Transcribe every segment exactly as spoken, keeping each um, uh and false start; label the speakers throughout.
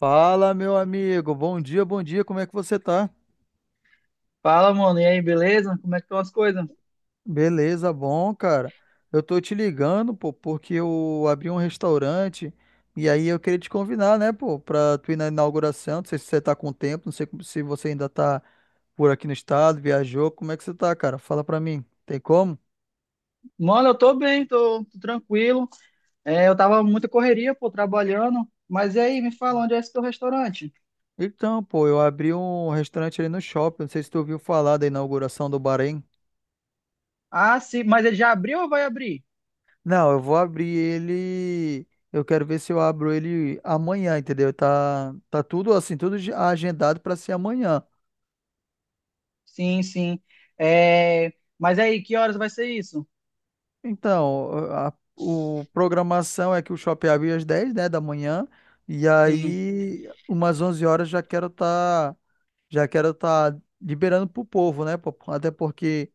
Speaker 1: Fala, meu amigo. Bom dia, bom dia. Como é que você tá?
Speaker 2: Fala, mano, e aí, beleza? Como é que estão as coisas?
Speaker 1: Beleza, bom, cara. Eu tô te ligando, pô, porque eu abri um restaurante e aí eu queria te convidar, né, pô, pra tu ir na inauguração. Não sei se você tá com tempo, não sei como- se você ainda tá por aqui no estado, viajou. Como é que você tá, cara? Fala pra mim. Tem como?
Speaker 2: Mano, eu tô bem, tô, tô tranquilo. É, eu tava muita correria, pô, trabalhando. Mas e aí, me fala, onde é esse teu restaurante?
Speaker 1: Então, pô, eu abri um restaurante ali no shopping. Não sei se tu ouviu falar da inauguração do Bahrein.
Speaker 2: Ah, sim, mas ele já abriu ou vai abrir?
Speaker 1: Não, eu vou abrir ele. Eu quero ver se eu abro ele amanhã, entendeu? Tá, tá tudo assim, tudo ge- agendado para ser amanhã.
Speaker 2: Sim, sim. É, mas aí, que horas vai ser isso?
Speaker 1: Então, a, o programação é que o shopping abre às dez, né, da manhã, e
Speaker 2: Sim.
Speaker 1: aí umas onze horas já quero estar, já quero tá liberando pro povo, né, pô? Até porque,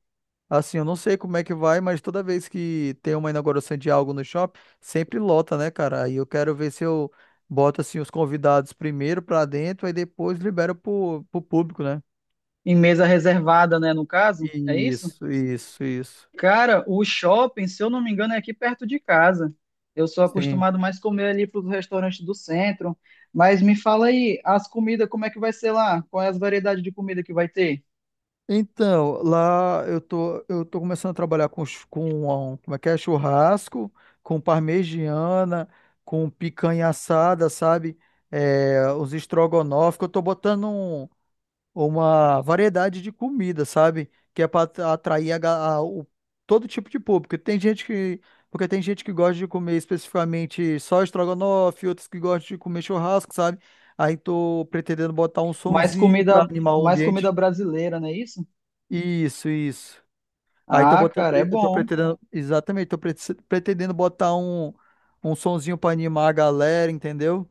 Speaker 1: assim, eu não sei como é que vai, mas toda vez que tem uma inauguração de algo no shopping, sempre lota, né, cara? Aí eu quero ver se eu boto, assim, os convidados primeiro pra dentro, aí depois libero pro, pro público, né?
Speaker 2: Em mesa reservada, né, no caso? É isso?
Speaker 1: Isso, isso, isso.
Speaker 2: Cara, o shopping, se eu não me engano, é aqui perto de casa. Eu sou
Speaker 1: Sim.
Speaker 2: acostumado mais comer ali para os restaurantes do centro. Mas me fala aí, as comidas, como é que vai ser lá? Qual é as variedades de comida que vai ter?
Speaker 1: Então, lá eu tô, eu tô começando a trabalhar com, chu- com ah, um, como é que é? Churrasco, com parmegiana, com picanha assada, sabe? É, os estrogonofe, que eu tô botando um, uma variedade de comida, sabe? Que é para atrair a ga- a- o- todo tipo de público. Tem gente que, porque tem gente que gosta de comer especificamente só estrogonofe, outros que gostam de comer churrasco, sabe? Aí tô pretendendo botar um
Speaker 2: Mais
Speaker 1: sonzinho para
Speaker 2: comida,
Speaker 1: animar o
Speaker 2: mais comida
Speaker 1: ambiente.
Speaker 2: brasileira, não é isso?
Speaker 1: Isso, isso. Aí tô
Speaker 2: Ah,
Speaker 1: botando,
Speaker 2: cara, é
Speaker 1: eu tô
Speaker 2: bom.
Speaker 1: pretendendo, exatamente, tô pre- pretendendo botar um um sonzinho para animar a galera, entendeu?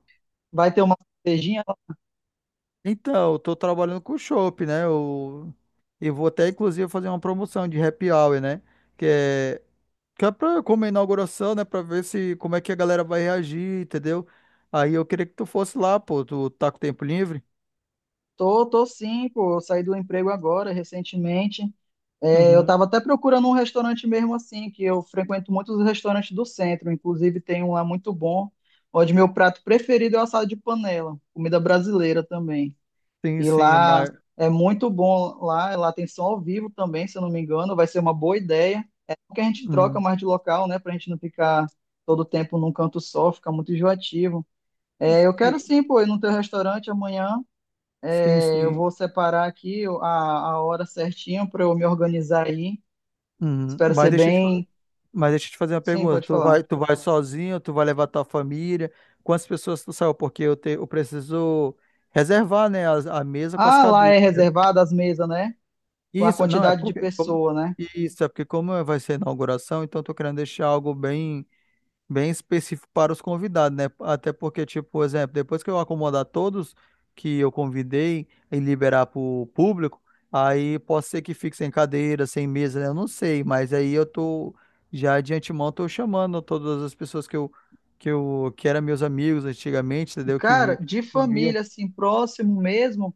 Speaker 2: Vai ter uma cervejinha?
Speaker 1: Então, eu tô trabalhando com chopp, né? Eu, eu vou até, inclusive, fazer uma promoção de happy hour, né? Que é, que é pra, como é inauguração, né? Pra ver se, como é que a galera vai reagir, entendeu? Aí eu queria que tu fosse lá, pô. Tu tá com tempo livre?
Speaker 2: Tô, tô sim, pô. Eu saí do emprego agora, recentemente. É, eu
Speaker 1: Uhum.
Speaker 2: estava até procurando um restaurante mesmo assim, que eu frequento muitos restaurantes do centro, inclusive tem um lá muito bom, onde meu prato preferido é o assado de panela, comida brasileira também.
Speaker 1: Sim,
Speaker 2: E
Speaker 1: sim, é
Speaker 2: lá
Speaker 1: mais...
Speaker 2: é muito bom, lá, lá tem som ao vivo também, se eu não me engano, vai ser uma boa ideia. É bom que a gente troca
Speaker 1: Uhum.
Speaker 2: mais de local, né, pra gente não ficar todo tempo num canto só, fica muito enjoativo. É, eu quero
Speaker 1: Sim,
Speaker 2: sim, pô, ir no teu restaurante amanhã.
Speaker 1: sim,
Speaker 2: É, eu
Speaker 1: sim.
Speaker 2: vou separar aqui a, a hora certinha para eu me organizar aí.
Speaker 1: Uhum.
Speaker 2: Espero
Speaker 1: Mas
Speaker 2: ser
Speaker 1: deixa eu te, fa-
Speaker 2: bem.
Speaker 1: mas deixa eu te fazer uma
Speaker 2: Sim,
Speaker 1: pergunta.
Speaker 2: pode
Speaker 1: Tu
Speaker 2: falar.
Speaker 1: vai, tu vai sozinho? Tu vai levar tua família? Quantas pessoas tu saiu? Porque eu, te, eu preciso reservar, né, as- a mesa com as
Speaker 2: Ah, lá
Speaker 1: cadeiras.
Speaker 2: é reservada as mesas, né? A
Speaker 1: Isso, não, é
Speaker 2: quantidade de
Speaker 1: porque como-
Speaker 2: pessoa, né?
Speaker 1: isso é porque como vai ser a inauguração, então eu tô querendo deixar algo bem, bem específico para os convidados, né? Até porque, tipo, por exemplo, depois que eu acomodar todos que eu convidei e liberar para o público, aí pode ser que fique sem cadeira, sem mesa, né? Eu não sei, mas aí eu tô, já de antemão tô chamando todas as pessoas que eu que eu que eram meus amigos antigamente, entendeu?
Speaker 2: Cara,
Speaker 1: Que
Speaker 2: de
Speaker 1: eu via.
Speaker 2: família, assim, próximo mesmo,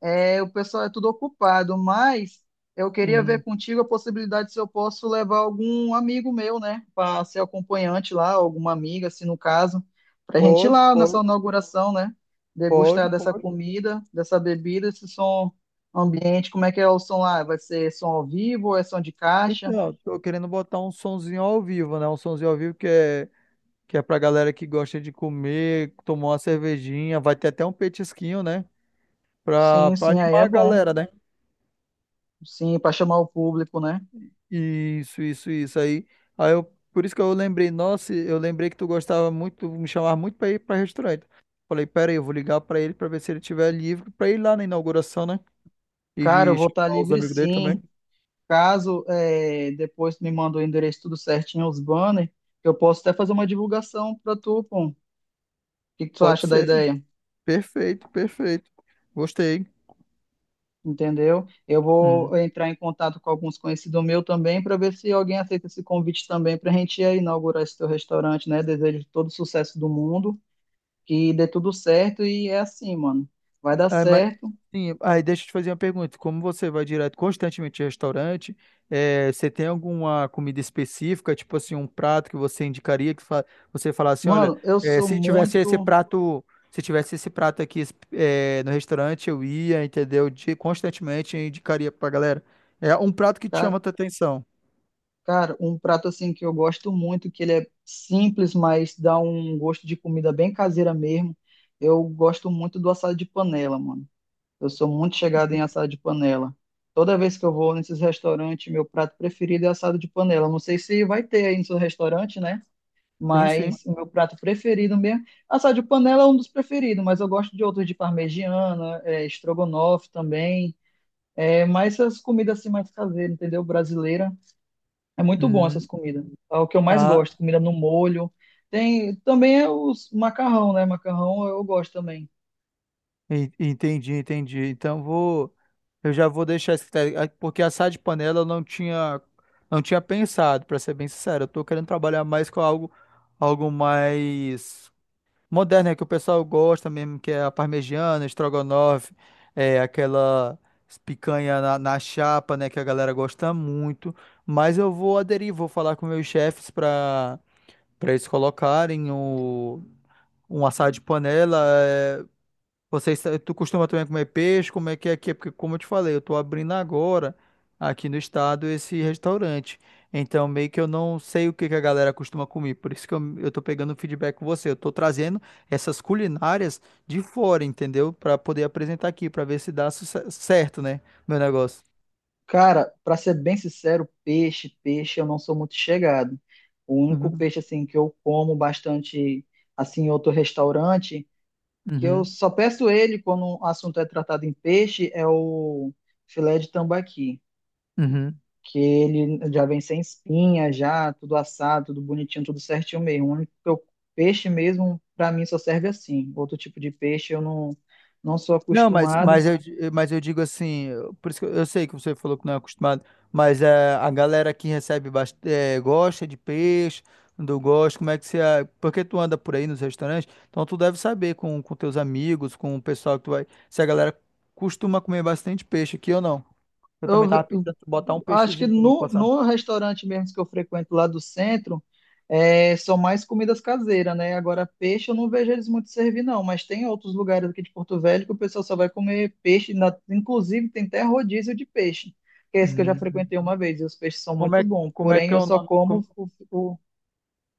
Speaker 2: é, o pessoal é tudo ocupado, mas eu queria
Speaker 1: Uhum.
Speaker 2: ver contigo a possibilidade se eu posso levar algum amigo meu, né? Para ser acompanhante lá, alguma amiga, assim, no caso, para a gente ir
Speaker 1: Pode,
Speaker 2: lá nessa
Speaker 1: pode,
Speaker 2: inauguração, né?
Speaker 1: pode,
Speaker 2: Degustar dessa
Speaker 1: pode.
Speaker 2: comida, dessa bebida, esse som ambiente, como é que é o som lá? Vai ser som ao vivo ou é som de caixa?
Speaker 1: Então, tô querendo botar um sonzinho ao vivo, né? Um sonzinho ao vivo que é, que é pra galera que gosta de comer, tomar uma cervejinha, vai ter até um petisquinho, né? Pra,
Speaker 2: Sim,
Speaker 1: pra
Speaker 2: sim, aí
Speaker 1: animar
Speaker 2: é
Speaker 1: a
Speaker 2: bom.
Speaker 1: galera, né?
Speaker 2: Sim, para chamar o público, né?
Speaker 1: Isso, isso, isso aí. Aí eu, por isso que eu lembrei, nossa, eu lembrei que tu gostava muito, me chamava muito pra ir pra restaurante. Falei, pera aí, eu vou ligar pra ele pra ver se ele tiver livre pra ir lá na inauguração, né? E
Speaker 2: Cara, eu
Speaker 1: de
Speaker 2: vou estar
Speaker 1: chamar os
Speaker 2: livre
Speaker 1: amigos dele também.
Speaker 2: sim. Caso é, depois tu me manda o endereço tudo certinho, os banners, eu posso até fazer uma divulgação para tu, pô. O que que tu
Speaker 1: Pode
Speaker 2: acha da
Speaker 1: ser.
Speaker 2: ideia?
Speaker 1: Perfeito, perfeito. Gostei.
Speaker 2: Entendeu? Eu
Speaker 1: Hum.
Speaker 2: vou entrar em contato com alguns conhecidos meus também para ver se alguém aceita esse convite também para a gente ir inaugurar esse teu restaurante, né? Desejo todo o sucesso do mundo, que dê tudo certo e é assim, mano. Vai dar
Speaker 1: Ah, mas,
Speaker 2: certo.
Speaker 1: sim, aí deixa eu te fazer uma pergunta. Como você vai direto constantemente ao restaurante, eh, você tem alguma comida específica, tipo assim, um prato que você indicaria que fa- você falasse, assim, olha,
Speaker 2: Mano, eu
Speaker 1: eh,
Speaker 2: sou
Speaker 1: se tivesse esse
Speaker 2: muito.
Speaker 1: prato, se tivesse esse prato aqui, eh, no restaurante, eu ia, entendeu? De, constantemente eu indicaria pra galera. É um prato que te chama a tua atenção.
Speaker 2: Cara, um prato assim que eu gosto muito, que ele é simples, mas dá um gosto de comida bem caseira mesmo. Eu gosto muito do assado de panela, mano. Eu sou muito chegado em assado de panela. Toda vez que eu vou nesses restaurantes, meu prato preferido é assado de panela. Não sei se vai ter aí no seu restaurante, né?
Speaker 1: Sim, sim.
Speaker 2: Mas o meu prato preferido mesmo. Assado de panela é um dos preferidos, mas eu gosto de outros de parmegiana, é, estrogonofe também. É, mas essas comidas assim mais caseiras, entendeu? Brasileira. É muito bom essas
Speaker 1: Hum.
Speaker 2: comidas. É o que eu mais
Speaker 1: Ah,
Speaker 2: gosto, comida no molho. Tem também é os macarrão, né? Macarrão eu gosto também.
Speaker 1: En- Entendi, entendi. Então vou, eu já vou deixar esse critério, ah, porque assar de panela eu não tinha, não tinha pensado, para ser bem sincero. Eu tô querendo trabalhar mais com algo, algo mais moderno, né, que o pessoal gosta mesmo, que é a parmegiana, estrogonofe, é aquela picanha na, na chapa, né, que a galera gosta muito. Mas eu vou aderir, vou falar com meus chefes para para eles colocarem o um assado de panela. É, vocês, tu costuma também comer peixe? Como é que é aqui? É porque, como eu te falei, eu tô abrindo agora aqui no estado esse restaurante. Então, meio que eu não sei o que que a galera costuma comer. Por isso que eu, eu tô pegando feedback com você. Eu tô trazendo essas culinárias de fora, entendeu? Pra poder apresentar aqui, pra ver se dá suce- certo, né? Meu negócio.
Speaker 2: Cara, pra ser bem sincero, peixe, peixe eu não sou muito chegado. O único
Speaker 1: Uhum,
Speaker 2: peixe assim que eu como bastante assim em outro restaurante, que eu
Speaker 1: uhum,
Speaker 2: só peço ele quando o assunto é tratado em peixe, é o filé de tambaqui.
Speaker 1: uhum.
Speaker 2: Que ele já vem sem espinha, já tudo assado, tudo bonitinho, tudo certinho mesmo. O único que eu- peixe mesmo, para mim, só serve assim. Outro tipo de peixe eu não, não sou
Speaker 1: Não, mas,
Speaker 2: acostumado.
Speaker 1: mas, eu, di- mas eu digo assim, eu- por isso que eu, eu sei que você falou que não é acostumado, mas é, a galera que recebe bast- é, gosta de peixe, do gosto, como é que você. a- Porque tu anda por aí nos restaurantes, então tu deve saber com, com teus amigos, com o pessoal que tu vai. Se a galera costuma comer bastante peixe aqui ou não. Eu também
Speaker 2: Eu,
Speaker 1: tava
Speaker 2: ve- eu
Speaker 1: pensando em botar um
Speaker 2: acho que
Speaker 1: peixezinho também pra
Speaker 2: no,
Speaker 1: passar.
Speaker 2: no restaurante mesmo que eu frequento lá do centro, é, são mais comidas caseiras, né? Agora, peixe eu não vejo eles muito servir, não. Mas tem outros lugares aqui de Porto Velho que o pessoal só vai comer peixe. Na- inclusive, tem até rodízio de peixe, que é esse que eu já frequentei
Speaker 1: Hum.
Speaker 2: uma vez. E os peixes são
Speaker 1: Como é,
Speaker 2: muito bons.
Speaker 1: como é que
Speaker 2: Porém,
Speaker 1: é
Speaker 2: eu
Speaker 1: o
Speaker 2: só
Speaker 1: nome, como,
Speaker 2: como o, o-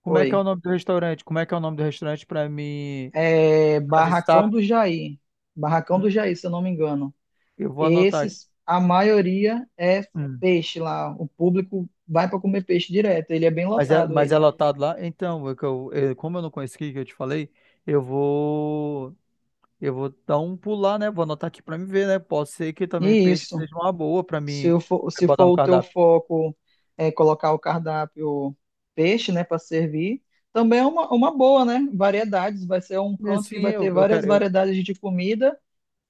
Speaker 1: como é que é o
Speaker 2: oi,
Speaker 1: nome do restaurante? Como é que é o nome do restaurante para me
Speaker 2: é, Barracão
Speaker 1: avistar?
Speaker 2: do Jair. Barracão
Speaker 1: Hum,
Speaker 2: do Jair, se eu não me engano.
Speaker 1: Eu vou anotar aqui.
Speaker 2: Esses, a maioria é
Speaker 1: Hum,
Speaker 2: peixe lá. O público vai para comer peixe direto. Ele é bem
Speaker 1: Mas é,
Speaker 2: lotado,
Speaker 1: mas é
Speaker 2: ele.
Speaker 1: lotado lá? Então, é que eu, eu- como eu não conheci que eu te falei, eu vou, eu vou dar um pulo lá, né? Vou anotar aqui para me ver, né? Pode ser que também
Speaker 2: E
Speaker 1: peixe
Speaker 2: isso,
Speaker 1: seja uma boa para
Speaker 2: se
Speaker 1: mim
Speaker 2: eu for, se
Speaker 1: botar no
Speaker 2: for o teu
Speaker 1: cardápio.
Speaker 2: foco é colocar o cardápio peixe, né, para servir, também é uma, uma boa, né? Variedades. Vai ser um canto que
Speaker 1: Sim,
Speaker 2: vai
Speaker 1: eu,
Speaker 2: ter
Speaker 1: eu
Speaker 2: várias
Speaker 1: quero eu,
Speaker 2: variedades de comida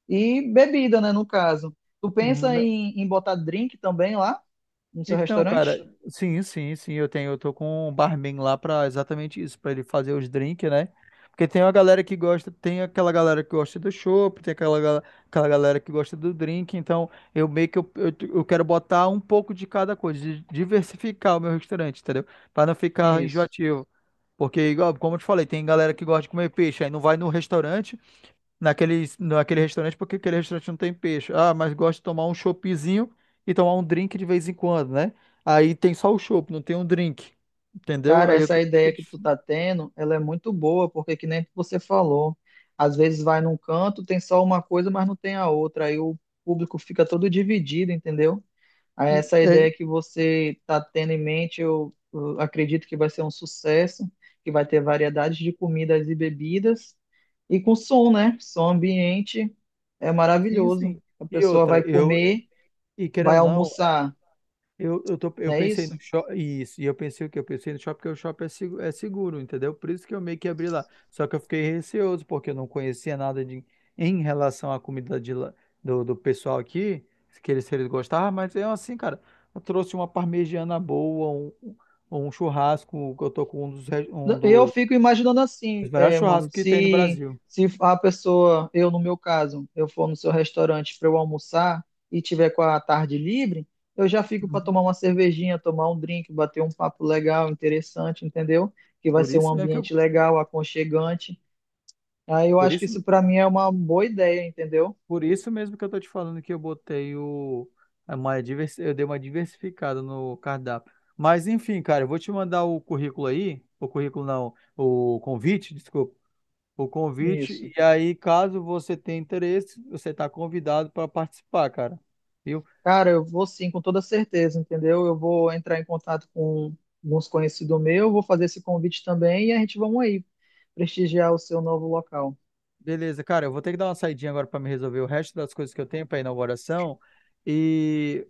Speaker 2: e bebida, né, no caso. Tu
Speaker 1: uhum,
Speaker 2: pensa
Speaker 1: né?
Speaker 2: em, em botar drink também lá no seu
Speaker 1: Então, cara,
Speaker 2: restaurante?
Speaker 1: sim, sim, sim, eu tenho, eu tô com um barman lá pra exatamente isso, pra ele fazer os drinks, né? Porque tem uma galera que gosta, tem aquela galera que gosta do chopp, tem aquela, gal- aquela galera que gosta do drink, então eu meio que eu, eu, eu quero botar um pouco de cada coisa, de diversificar o meu restaurante, entendeu? Pra não ficar
Speaker 2: Isso.
Speaker 1: enjoativo. Porque, igual, como eu te falei, tem galera que gosta de comer peixe, aí não vai no restaurante, naquele, naquele restaurante porque aquele restaurante não tem peixe. Ah, mas gosto de tomar um choppzinho e tomar um drink de vez em quando, né? Aí tem só o chopp, não tem um drink. Entendeu?
Speaker 2: Cara,
Speaker 1: Aí eu
Speaker 2: essa
Speaker 1: tô.
Speaker 2: ideia que tu tá tendo, ela é muito boa, porque que nem você falou, às vezes vai num canto, tem só uma coisa, mas não tem a outra, aí o público fica todo dividido, entendeu? Aí
Speaker 1: e-
Speaker 2: essa
Speaker 1: É,
Speaker 2: ideia que você tá tendo em mente, eu, eu acredito que vai ser um sucesso, que vai ter variedades de comidas e bebidas, e com som, né? Som ambiente é
Speaker 1: sim,
Speaker 2: maravilhoso.
Speaker 1: sim.
Speaker 2: A
Speaker 1: E
Speaker 2: pessoa
Speaker 1: outra,
Speaker 2: vai
Speaker 1: eu.
Speaker 2: comer,
Speaker 1: E
Speaker 2: vai
Speaker 1: querendo ou não,
Speaker 2: almoçar,
Speaker 1: Eu, eu, tô, eu
Speaker 2: não é
Speaker 1: pensei no
Speaker 2: isso?
Speaker 1: shopping, isso, e eu pensei o quê? Eu pensei no shopping, porque o shopping é seguro, é seguro, entendeu? Por isso que eu meio que abri lá. Só que eu fiquei receoso, porque eu não conhecia nada de, em relação à comida de, lá- do, do pessoal aqui, que eles, se eles gostavam, mas eu assim, cara, eu trouxe uma parmegiana boa, um, um um churrasco, que eu tô com um dos, re- um
Speaker 2: Eu
Speaker 1: dos,
Speaker 2: fico imaginando assim,
Speaker 1: dos melhores
Speaker 2: é, mano,
Speaker 1: churrascos que tem no
Speaker 2: se,
Speaker 1: Brasil.
Speaker 2: se a pessoa, eu no meu caso, eu for no seu restaurante para eu almoçar e tiver com a tarde livre, eu já fico para
Speaker 1: Uhum.
Speaker 2: tomar uma cervejinha, tomar um drink, bater um papo legal, interessante, entendeu? Que vai
Speaker 1: Por
Speaker 2: ser um
Speaker 1: isso mesmo que eu,
Speaker 2: ambiente legal, aconchegante. Aí eu
Speaker 1: por
Speaker 2: acho que
Speaker 1: isso,
Speaker 2: isso para mim é uma boa ideia, entendeu?
Speaker 1: por isso mesmo que eu tô te falando que eu botei o, é uma diversi- eu dei uma diversificada no cardápio. Mas enfim, cara, eu vou te mandar o currículo aí, o currículo não, o convite, desculpa, o
Speaker 2: Isso.
Speaker 1: convite, e aí caso você tenha interesse, você está convidado para participar, cara. Viu?
Speaker 2: Cara, eu vou sim, com toda certeza, entendeu? Eu vou entrar em contato com alguns conhecidos meus, vou fazer esse convite também e a gente vamos aí prestigiar o seu novo local.
Speaker 1: Beleza, cara, eu vou ter que dar uma saidinha agora para me resolver o resto das coisas que eu tenho para inauguração, e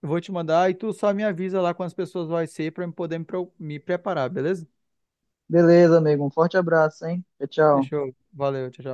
Speaker 1: eu vou te mandar e tu só me avisa lá quantas pessoas vai ser para eu poder me, pro- me preparar, beleza?
Speaker 2: Beleza, amigo. Um forte abraço, hein? Tchau, tchau.
Speaker 1: Fechou. Valeu, tchau, tchau.